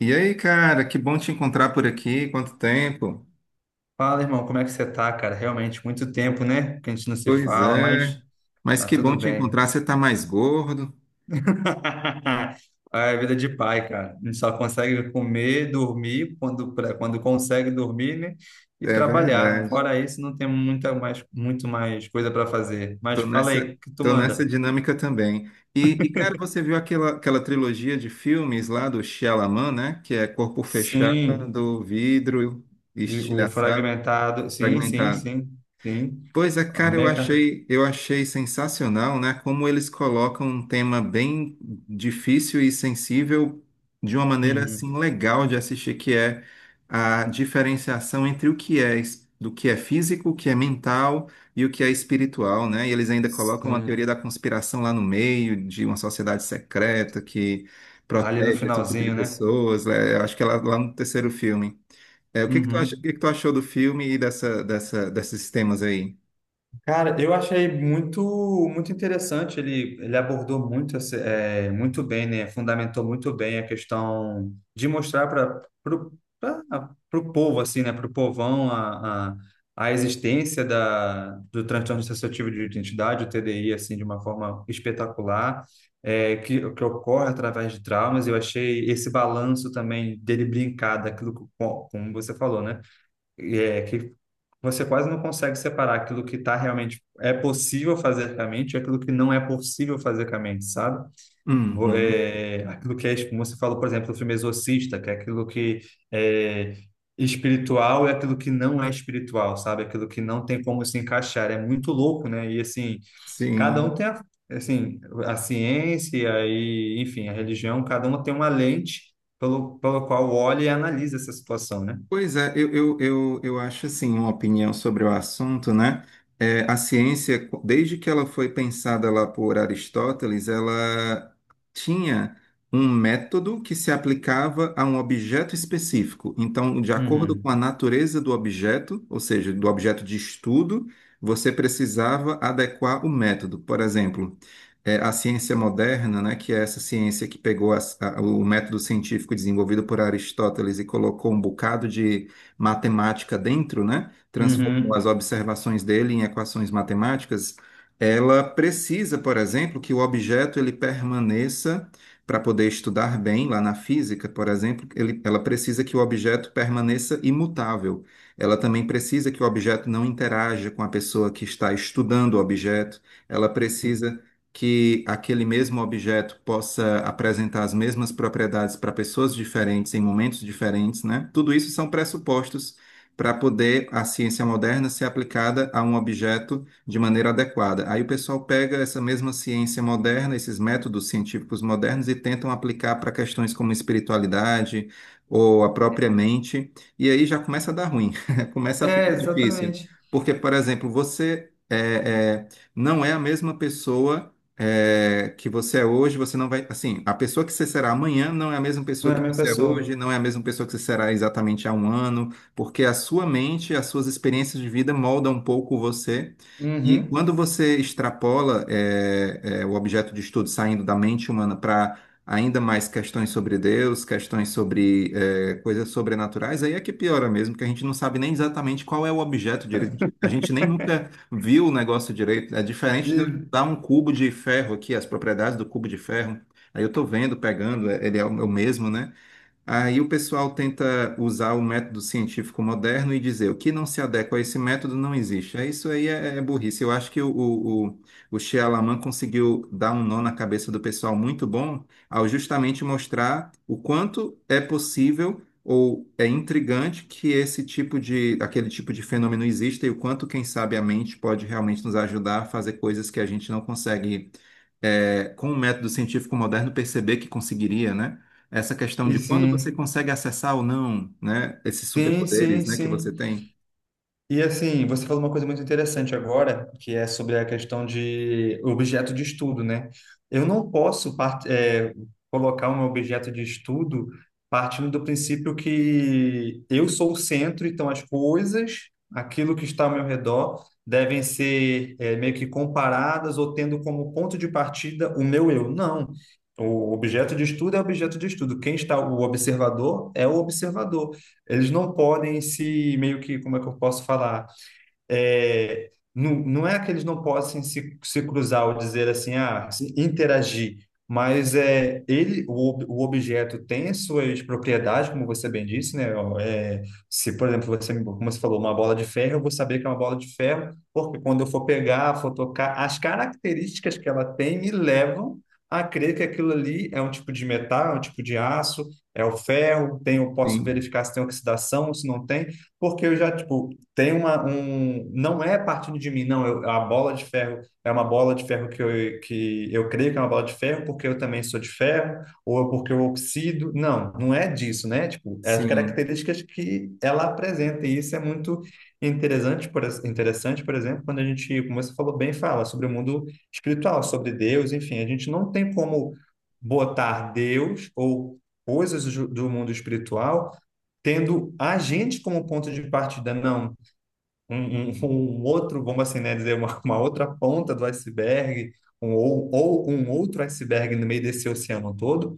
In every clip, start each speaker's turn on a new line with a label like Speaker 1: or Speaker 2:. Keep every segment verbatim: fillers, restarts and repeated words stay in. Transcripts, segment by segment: Speaker 1: E aí, cara, que bom te encontrar por aqui. Quanto tempo?
Speaker 2: Fala, irmão, como é que você tá, cara? Realmente, muito tempo, né? Que a gente não se
Speaker 1: Pois
Speaker 2: fala,
Speaker 1: é.
Speaker 2: mas
Speaker 1: Mas
Speaker 2: tá
Speaker 1: que bom
Speaker 2: tudo
Speaker 1: te
Speaker 2: bem.
Speaker 1: encontrar. Você tá mais gordo.
Speaker 2: É vida de pai, cara. A gente só consegue comer, dormir, quando, quando consegue dormir, né? E
Speaker 1: É
Speaker 2: trabalhar.
Speaker 1: verdade.
Speaker 2: Fora isso, não tem muita mais, muito mais coisa para fazer. Mas
Speaker 1: Tô
Speaker 2: fala aí,
Speaker 1: nessa,
Speaker 2: o que tu
Speaker 1: tô nessa
Speaker 2: manda?
Speaker 1: dinâmica também. E, e, cara, você viu aquela, aquela trilogia de filmes lá do Shyamalan, né? Que é Corpo
Speaker 2: Sim,
Speaker 1: Fechado, Vidro,
Speaker 2: e o
Speaker 1: Estilhaçado,
Speaker 2: fragmentado. Sim, sim,
Speaker 1: Fragmentado.
Speaker 2: sim, sim.
Speaker 1: Pois é,
Speaker 2: A
Speaker 1: cara, eu
Speaker 2: Meca.
Speaker 1: achei, eu achei sensacional, né? Como eles colocam um tema bem difícil e sensível de uma maneira
Speaker 2: Uhum.
Speaker 1: assim legal de assistir, que é a diferenciação entre o que é es- do que é físico, o que é mental e o que é espiritual, né? E eles ainda colocam a
Speaker 2: Sim.
Speaker 1: teoria da conspiração lá no meio, de uma sociedade secreta que
Speaker 2: Ali no
Speaker 1: protege esse tipo de
Speaker 2: finalzinho, né?
Speaker 1: pessoas, né? Eu acho que é lá, lá no terceiro filme. É, o que que tu acha, o
Speaker 2: Uhum.
Speaker 1: que que tu achou do filme e dessa, dessa, desses temas aí?
Speaker 2: Cara, eu achei muito muito interessante. Ele, ele abordou muito, esse- é, muito bem, né? Fundamentou muito bem a questão de mostrar para o povo, assim, né? Para o povão a, a, a existência da, do transtorno dissociativo de identidade, o T D I, assim, de uma forma espetacular, é, que, que ocorre através de traumas. Eu achei esse balanço também dele brincar daquilo, que- como você falou, né? Você quase não consegue separar aquilo que tá realmente é possível fazer com a mente e aquilo que não é possível fazer com a mente, sabe? Vo-
Speaker 1: Uhum,
Speaker 2: É, aquilo que é, como você falou, por exemplo, do filme Exorcista, que é aquilo que é espiritual e aquilo que não é espiritual, sabe? Aquilo que não tem como se encaixar. É muito louco, né? E assim, cada um
Speaker 1: sim.
Speaker 2: tem a, assim, a ciência e, enfim, a religião, cada uma tem uma lente pelo, pelo qual olha e analisa essa situação, né?
Speaker 1: Pois é, eu, eu, eu, eu acho assim, uma opinião sobre o assunto, né? É, a ciência, desde que ela foi pensada lá por Aristóteles, ela tinha um método que se aplicava a um objeto específico. Então, de acordo com
Speaker 2: Uhum.
Speaker 1: a natureza do objeto, ou seja, do objeto de estudo, você precisava adequar o método. Por exemplo, é, a ciência moderna, né, que é essa ciência que pegou as- a- o método científico desenvolvido por Aristóteles e colocou um bocado de matemática dentro, né, transformou as
Speaker 2: Uhum.
Speaker 1: observações dele em equações matemáticas, ela precisa, por exemplo, que o objeto ele permaneça para poder estudar bem lá na física, por exemplo, ele- ela precisa que o objeto permaneça imutável. Ela também precisa que o objeto não interaja com a pessoa que está estudando o objeto. Ela precisa que aquele mesmo objeto possa apresentar as mesmas propriedades para pessoas diferentes em momentos diferentes, né? Tudo isso são pressupostos para poder a ciência moderna ser aplicada a um objeto de maneira adequada. Aí o pessoal pega essa mesma ciência moderna, esses métodos científicos modernos e tentam aplicar para questões como espiritualidade ou a própria mente, e aí já começa a dar ruim, começa a
Speaker 2: É,
Speaker 1: ficar difícil.
Speaker 2: exatamente.
Speaker 1: Porque, por exemplo, você é, é, não é a mesma pessoa é, que você é hoje, você não vai. Assim, a pessoa que você será amanhã não é a mesma
Speaker 2: Não
Speaker 1: pessoa
Speaker 2: é a
Speaker 1: que
Speaker 2: mesma
Speaker 1: você é hoje,
Speaker 2: pessoa.
Speaker 1: não é a mesma pessoa que você será exatamente há um ano, porque a sua mente, as suas experiências de vida moldam um pouco você. E
Speaker 2: Uhum.
Speaker 1: quando você extrapola é, é, o objeto de estudo saindo da mente humana para ainda mais questões sobre Deus, questões sobre é, coisas sobrenaturais, aí é que piora mesmo, que a gente não sabe nem exatamente qual é o objeto direito, a gente a gente nem nunca viu o negócio direito. É diferente
Speaker 2: E,
Speaker 1: tá um cubo de ferro aqui, as propriedades do cubo de ferro. Aí eu tô vendo, pegando, ele é o é o mesmo, né? Aí o pessoal tenta usar o método científico moderno e dizer o que não se adequa a esse método não existe. É, isso aí é, é burrice. Eu acho que o, o, o o Shyamalan conseguiu dar um nó na cabeça do pessoal muito bom ao justamente mostrar o quanto é possível ou é intrigante que esse tipo de, aquele tipo de fenômeno exista e o quanto, quem sabe, a mente pode realmente nos ajudar a fazer coisas que a gente não consegue, é, com o método científico moderno, perceber que conseguiria, né? Essa questão
Speaker 2: e
Speaker 1: de quando você
Speaker 2: sim.
Speaker 1: consegue acessar ou não, né? Esses
Speaker 2: Sim,
Speaker 1: superpoderes,
Speaker 2: sim,
Speaker 1: né, que você
Speaker 2: sim.
Speaker 1: tem.
Speaker 2: E assim, você falou uma coisa muito interessante agora, que é sobre a questão de objeto de estudo, né? Eu não posso part- eh, colocar um objeto de estudo partindo do princípio que eu sou o centro, então as coisas, aquilo que está ao meu redor, devem ser eh, meio que comparadas ou tendo como ponto de partida o meu eu. Não. O objeto de estudo é objeto de estudo. Quem está, o observador é o observador, eles não podem se meio que, como é que eu posso falar? É, não, não é que eles não possam se, se cruzar ou dizer assim, ah, se interagir, mas é, ele, o, ob- o objeto tem as suas propriedades, como você bem disse, né? Ó, é, se, por exemplo, você, como você falou, uma bola de ferro, eu vou saber que é uma bola de ferro, porque quando eu for pegar, for tocar, as características que ela tem me levam a crer que aquilo ali é um tipo de metal, é um tipo de aço, é o ferro, tem, eu posso
Speaker 1: Sim,
Speaker 2: verificar se tem oxidação, se não tem, porque eu já, tipo, tem uma, um, não é partindo de mim, não. Eu, a bola de ferro é uma bola de ferro que eu, que eu creio que é uma bola de ferro porque eu também sou de ferro, ou é porque eu oxido. Não, não é disso, né? Tipo, é as
Speaker 1: sim,
Speaker 2: características que ela apresenta. E isso é muito interessante, por, ex- interessante, por exemplo, quando a gente, como você falou bem, fala sobre o mundo espiritual, sobre Deus, enfim. A gente não tem como botar Deus ou coisas do do mundo espiritual tendo a gente como ponto de partida. Não, um, um- um outro, vamos assim, né, dizer, uma, uma outra ponta do iceberg, um, ou, ou um outro iceberg no meio desse oceano todo.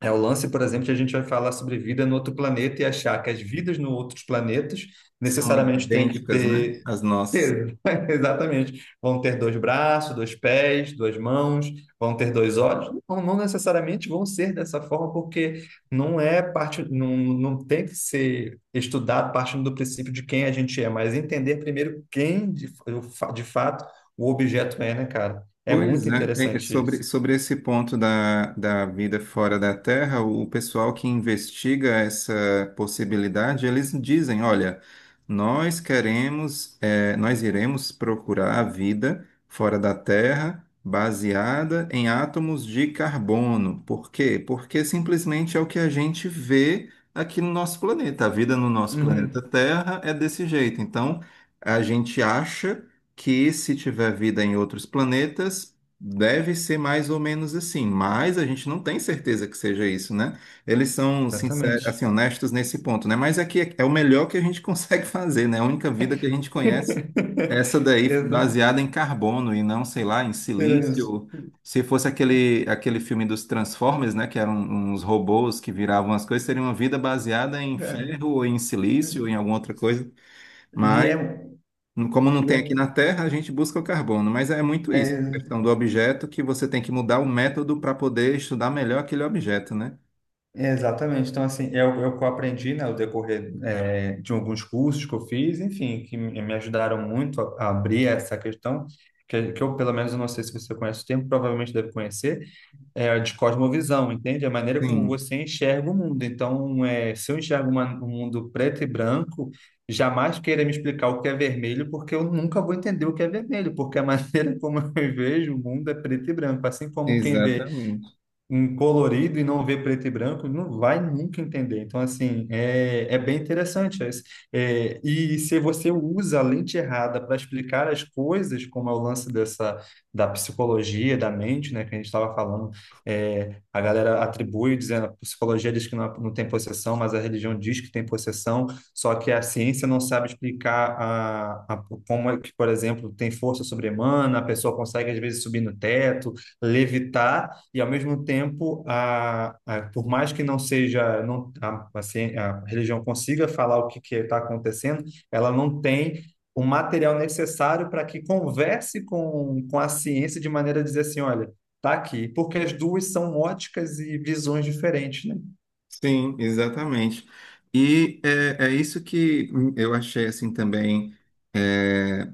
Speaker 2: É o lance, por exemplo, que a gente vai falar sobre vida no outro planeta e achar que as vidas no outros planetas
Speaker 1: são
Speaker 2: necessariamente têm que
Speaker 1: idênticas, né?
Speaker 2: ter
Speaker 1: As nossas.
Speaker 2: Ex- Exatamente. Vão ter dois braços, dois pés, duas mãos, vão ter dois olhos. Não, não necessariamente vão ser dessa forma, porque não é parte, não, não tem que ser estudado partindo do princípio de quem a gente é, mas entender primeiro quem de, fa- de fato o objeto é, né, cara? É
Speaker 1: Pois
Speaker 2: muito
Speaker 1: é, é, é
Speaker 2: interessante isso.
Speaker 1: sobre, sobre esse ponto da, da vida fora da Terra, o o pessoal que investiga essa possibilidade, eles dizem, olha, nós queremos, é, nós iremos procurar a vida fora da Terra baseada em átomos de carbono. Por quê? Porque simplesmente é o que a gente vê aqui no nosso planeta. A vida no nosso planeta
Speaker 2: Uhum,
Speaker 1: Terra é desse jeito. Então, a gente acha que se tiver vida em outros planetas, deve ser mais ou menos assim, mas a gente não tem certeza que seja isso, né? Eles são sinceros, assim,
Speaker 2: exatamente.
Speaker 1: honestos nesse ponto, né? Mas aqui é é o melhor que a gente consegue fazer, né? A única vida que a gente conhece é essa daí
Speaker 2: Exato.
Speaker 1: baseada em carbono e não, sei lá, em
Speaker 2: Era isso.
Speaker 1: silício. Se fosse aquele, aquele filme dos Transformers, né, que eram uns robôs que viravam as coisas, seria uma vida baseada em
Speaker 2: É.
Speaker 1: ferro ou em silício ou em alguma outra coisa.
Speaker 2: E é,
Speaker 1: Mas como não
Speaker 2: e
Speaker 1: tem
Speaker 2: é,
Speaker 1: aqui na Terra, a gente busca o carbono, mas é muito isso, a
Speaker 2: é
Speaker 1: questão do objeto que você tem que mudar o método para poder estudar melhor aquele objeto, né?
Speaker 2: Exatamente. Então, assim, é o é o que eu aprendi, né, ao decorrer é, de alguns cursos que eu fiz, enfim, que me me ajudaram muito a, a abrir essa questão, que, que eu, pelo menos, eu não sei se você conhece o termo, provavelmente deve conhecer, é a de cosmovisão, entende? A maneira como
Speaker 1: Sim,
Speaker 2: você enxerga o mundo. Então, é, se eu enxergo uma- um mundo preto e branco, jamais queira me explicar o que é vermelho, porque eu nunca vou entender o que é vermelho, porque a maneira como eu vejo o mundo é preto e branco, assim como quem vê
Speaker 1: exatamente.
Speaker 2: em colorido e não ver preto e branco, não vai nunca entender. Então, assim, é, é bem interessante. É, é, e se você usa a lente errada para explicar as coisas, como é o lance dessa, da psicologia, da mente, né, que a gente estava falando, é, a galera atribui, dizendo, a psicologia diz que não, não tem possessão, mas a religião diz que tem possessão, só que a ciência não sabe explicar a, a, como é que, por exemplo, tem força sobre-humana, a pessoa consegue, às vezes, subir no teto, levitar, e ao mesmo tempo, a, a, por mais que não seja, não, a, a, ci- a religião consiga falar o que está acontecendo, ela não tem o material necessário para que converse com, com a ciência de maneira a dizer assim, olha, tá aqui, porque as duas são óticas e visões diferentes, né?
Speaker 1: Sim, exatamente. E é, é isso que hum, eu achei assim também eh,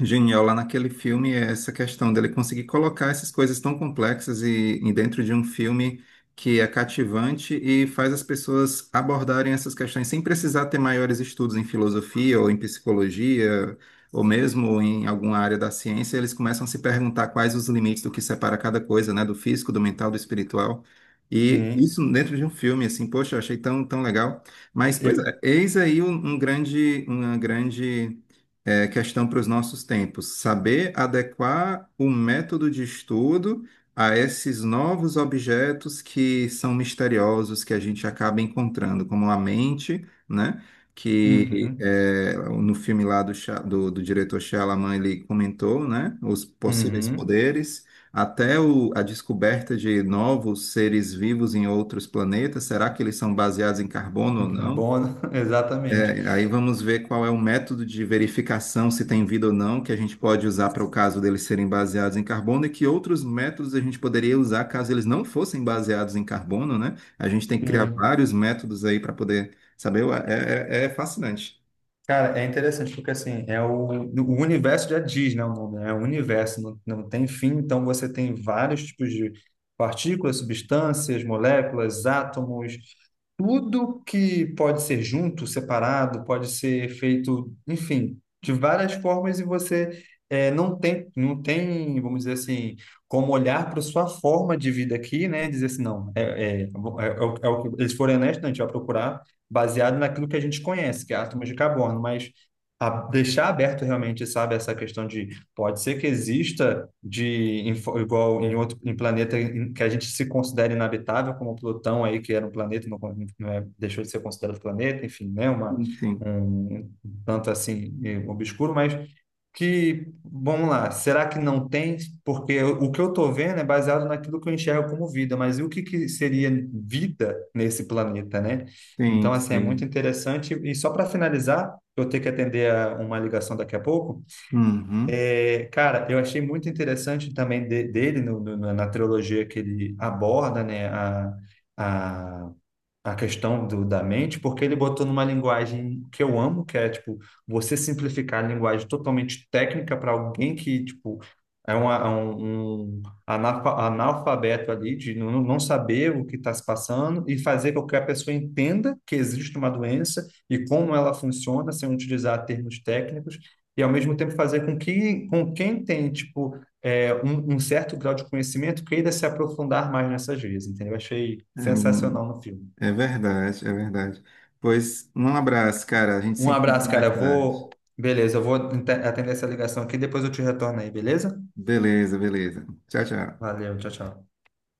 Speaker 1: genial lá naquele filme é essa questão dele conseguir colocar essas coisas tão complexas e, e dentro de um filme que é cativante e faz as pessoas abordarem essas questões sem precisar ter maiores estudos em filosofia ou em psicologia ou mesmo em alguma área da ciência, eles começam a se perguntar quais os limites do que separa cada coisa, né, do físico, do mental, do espiritual. E
Speaker 2: Sim.
Speaker 1: isso dentro de um filme, assim, poxa, eu achei tão, tão legal. Mas, pois é,
Speaker 2: E-
Speaker 1: eis aí um um grande, uma grande é questão para os nossos tempos. Saber adequar o método de estudo a esses novos objetos que são misteriosos, que a gente acaba encontrando, como a mente, né? Que
Speaker 2: Uhum,
Speaker 1: é, no filme lá do, Sha- do, do diretor Shyamalan ele comentou, né? Os possíveis
Speaker 2: uhum.
Speaker 1: poderes, até o- a descoberta de novos seres vivos em outros planetas. Será que eles são baseados em carbono ou não?
Speaker 2: Carbono, exatamente.
Speaker 1: É, aí vamos ver qual é o método de verificação, se tem vida ou não, que a gente pode usar para o caso deles serem baseados em carbono e que outros métodos a gente poderia usar caso eles não fossem baseados em carbono, né? A gente tem que criar vários métodos aí para poder saber. Ué, é, é- é fascinante.
Speaker 2: Cara, é interessante porque assim, é o, o universo já diz, né, o nome, né? É o universo, não, não tem fim, então você tem vários tipos de partículas, substâncias, moléculas, átomos, tudo que pode ser junto, separado, pode ser feito, enfim, de várias formas e você eh, não tem, não tem, vamos dizer assim, como olhar para sua forma de vida aqui, né? E dizer assim, não, é, é, é, o- é o é o que eles forem honestos, né, a gente vai procurar baseado naquilo que a gente conhece, que é átomos de carbono, mas a- deixar aberto realmente, sabe, essa questão de pode ser que exista de em fo- igual em outro em planeta em- que a gente se considere inabitável, como Plutão aí que era um planeta não, con- não é, deixou de ser considerado planeta, enfim, né, uma
Speaker 1: Sim, sim,
Speaker 2: um um tanto assim eh, obscuro, mas que vamos lá, será que não tem? Porque eu- o que eu estou vendo é baseado naquilo que eu enxergo como vida, mas e o que que seria vida nesse planeta, né?
Speaker 1: sim.
Speaker 2: Então assim é muito
Speaker 1: Sim.
Speaker 2: interessante e só para finalizar, eu tenho que atender a uma ligação daqui a pouco.
Speaker 1: Uhum.
Speaker 2: É, cara, eu achei muito interessante também de- dele no- no- na na trilogia que ele aborda, né, a, a a questão do, da mente, porque ele botou numa linguagem que eu amo, que é tipo você simplificar a linguagem totalmente técnica para alguém que tipo é, uma, é um, um analfa- analfabeto ali de não, não saber o que está se passando e fazer com que a pessoa entenda que existe uma doença e como ela funciona sem utilizar termos técnicos e ao mesmo tempo fazer com que com quem tem tipo é, um, um certo grau de conhecimento queira se aprofundar mais nessas vias, entendeu? Eu achei sensacional no filme.
Speaker 1: É, é verdade, é verdade. Pois um abraço, cara. A gente se
Speaker 2: Um
Speaker 1: encontra
Speaker 2: abraço, cara.
Speaker 1: mais
Speaker 2: Eu
Speaker 1: tarde.
Speaker 2: vou. Beleza, eu vou ente- atender essa ligação aqui, depois eu te retorno aí, beleza?
Speaker 1: Beleza, beleza. Tchau, tchau.
Speaker 2: Valeu, tchau, tchau.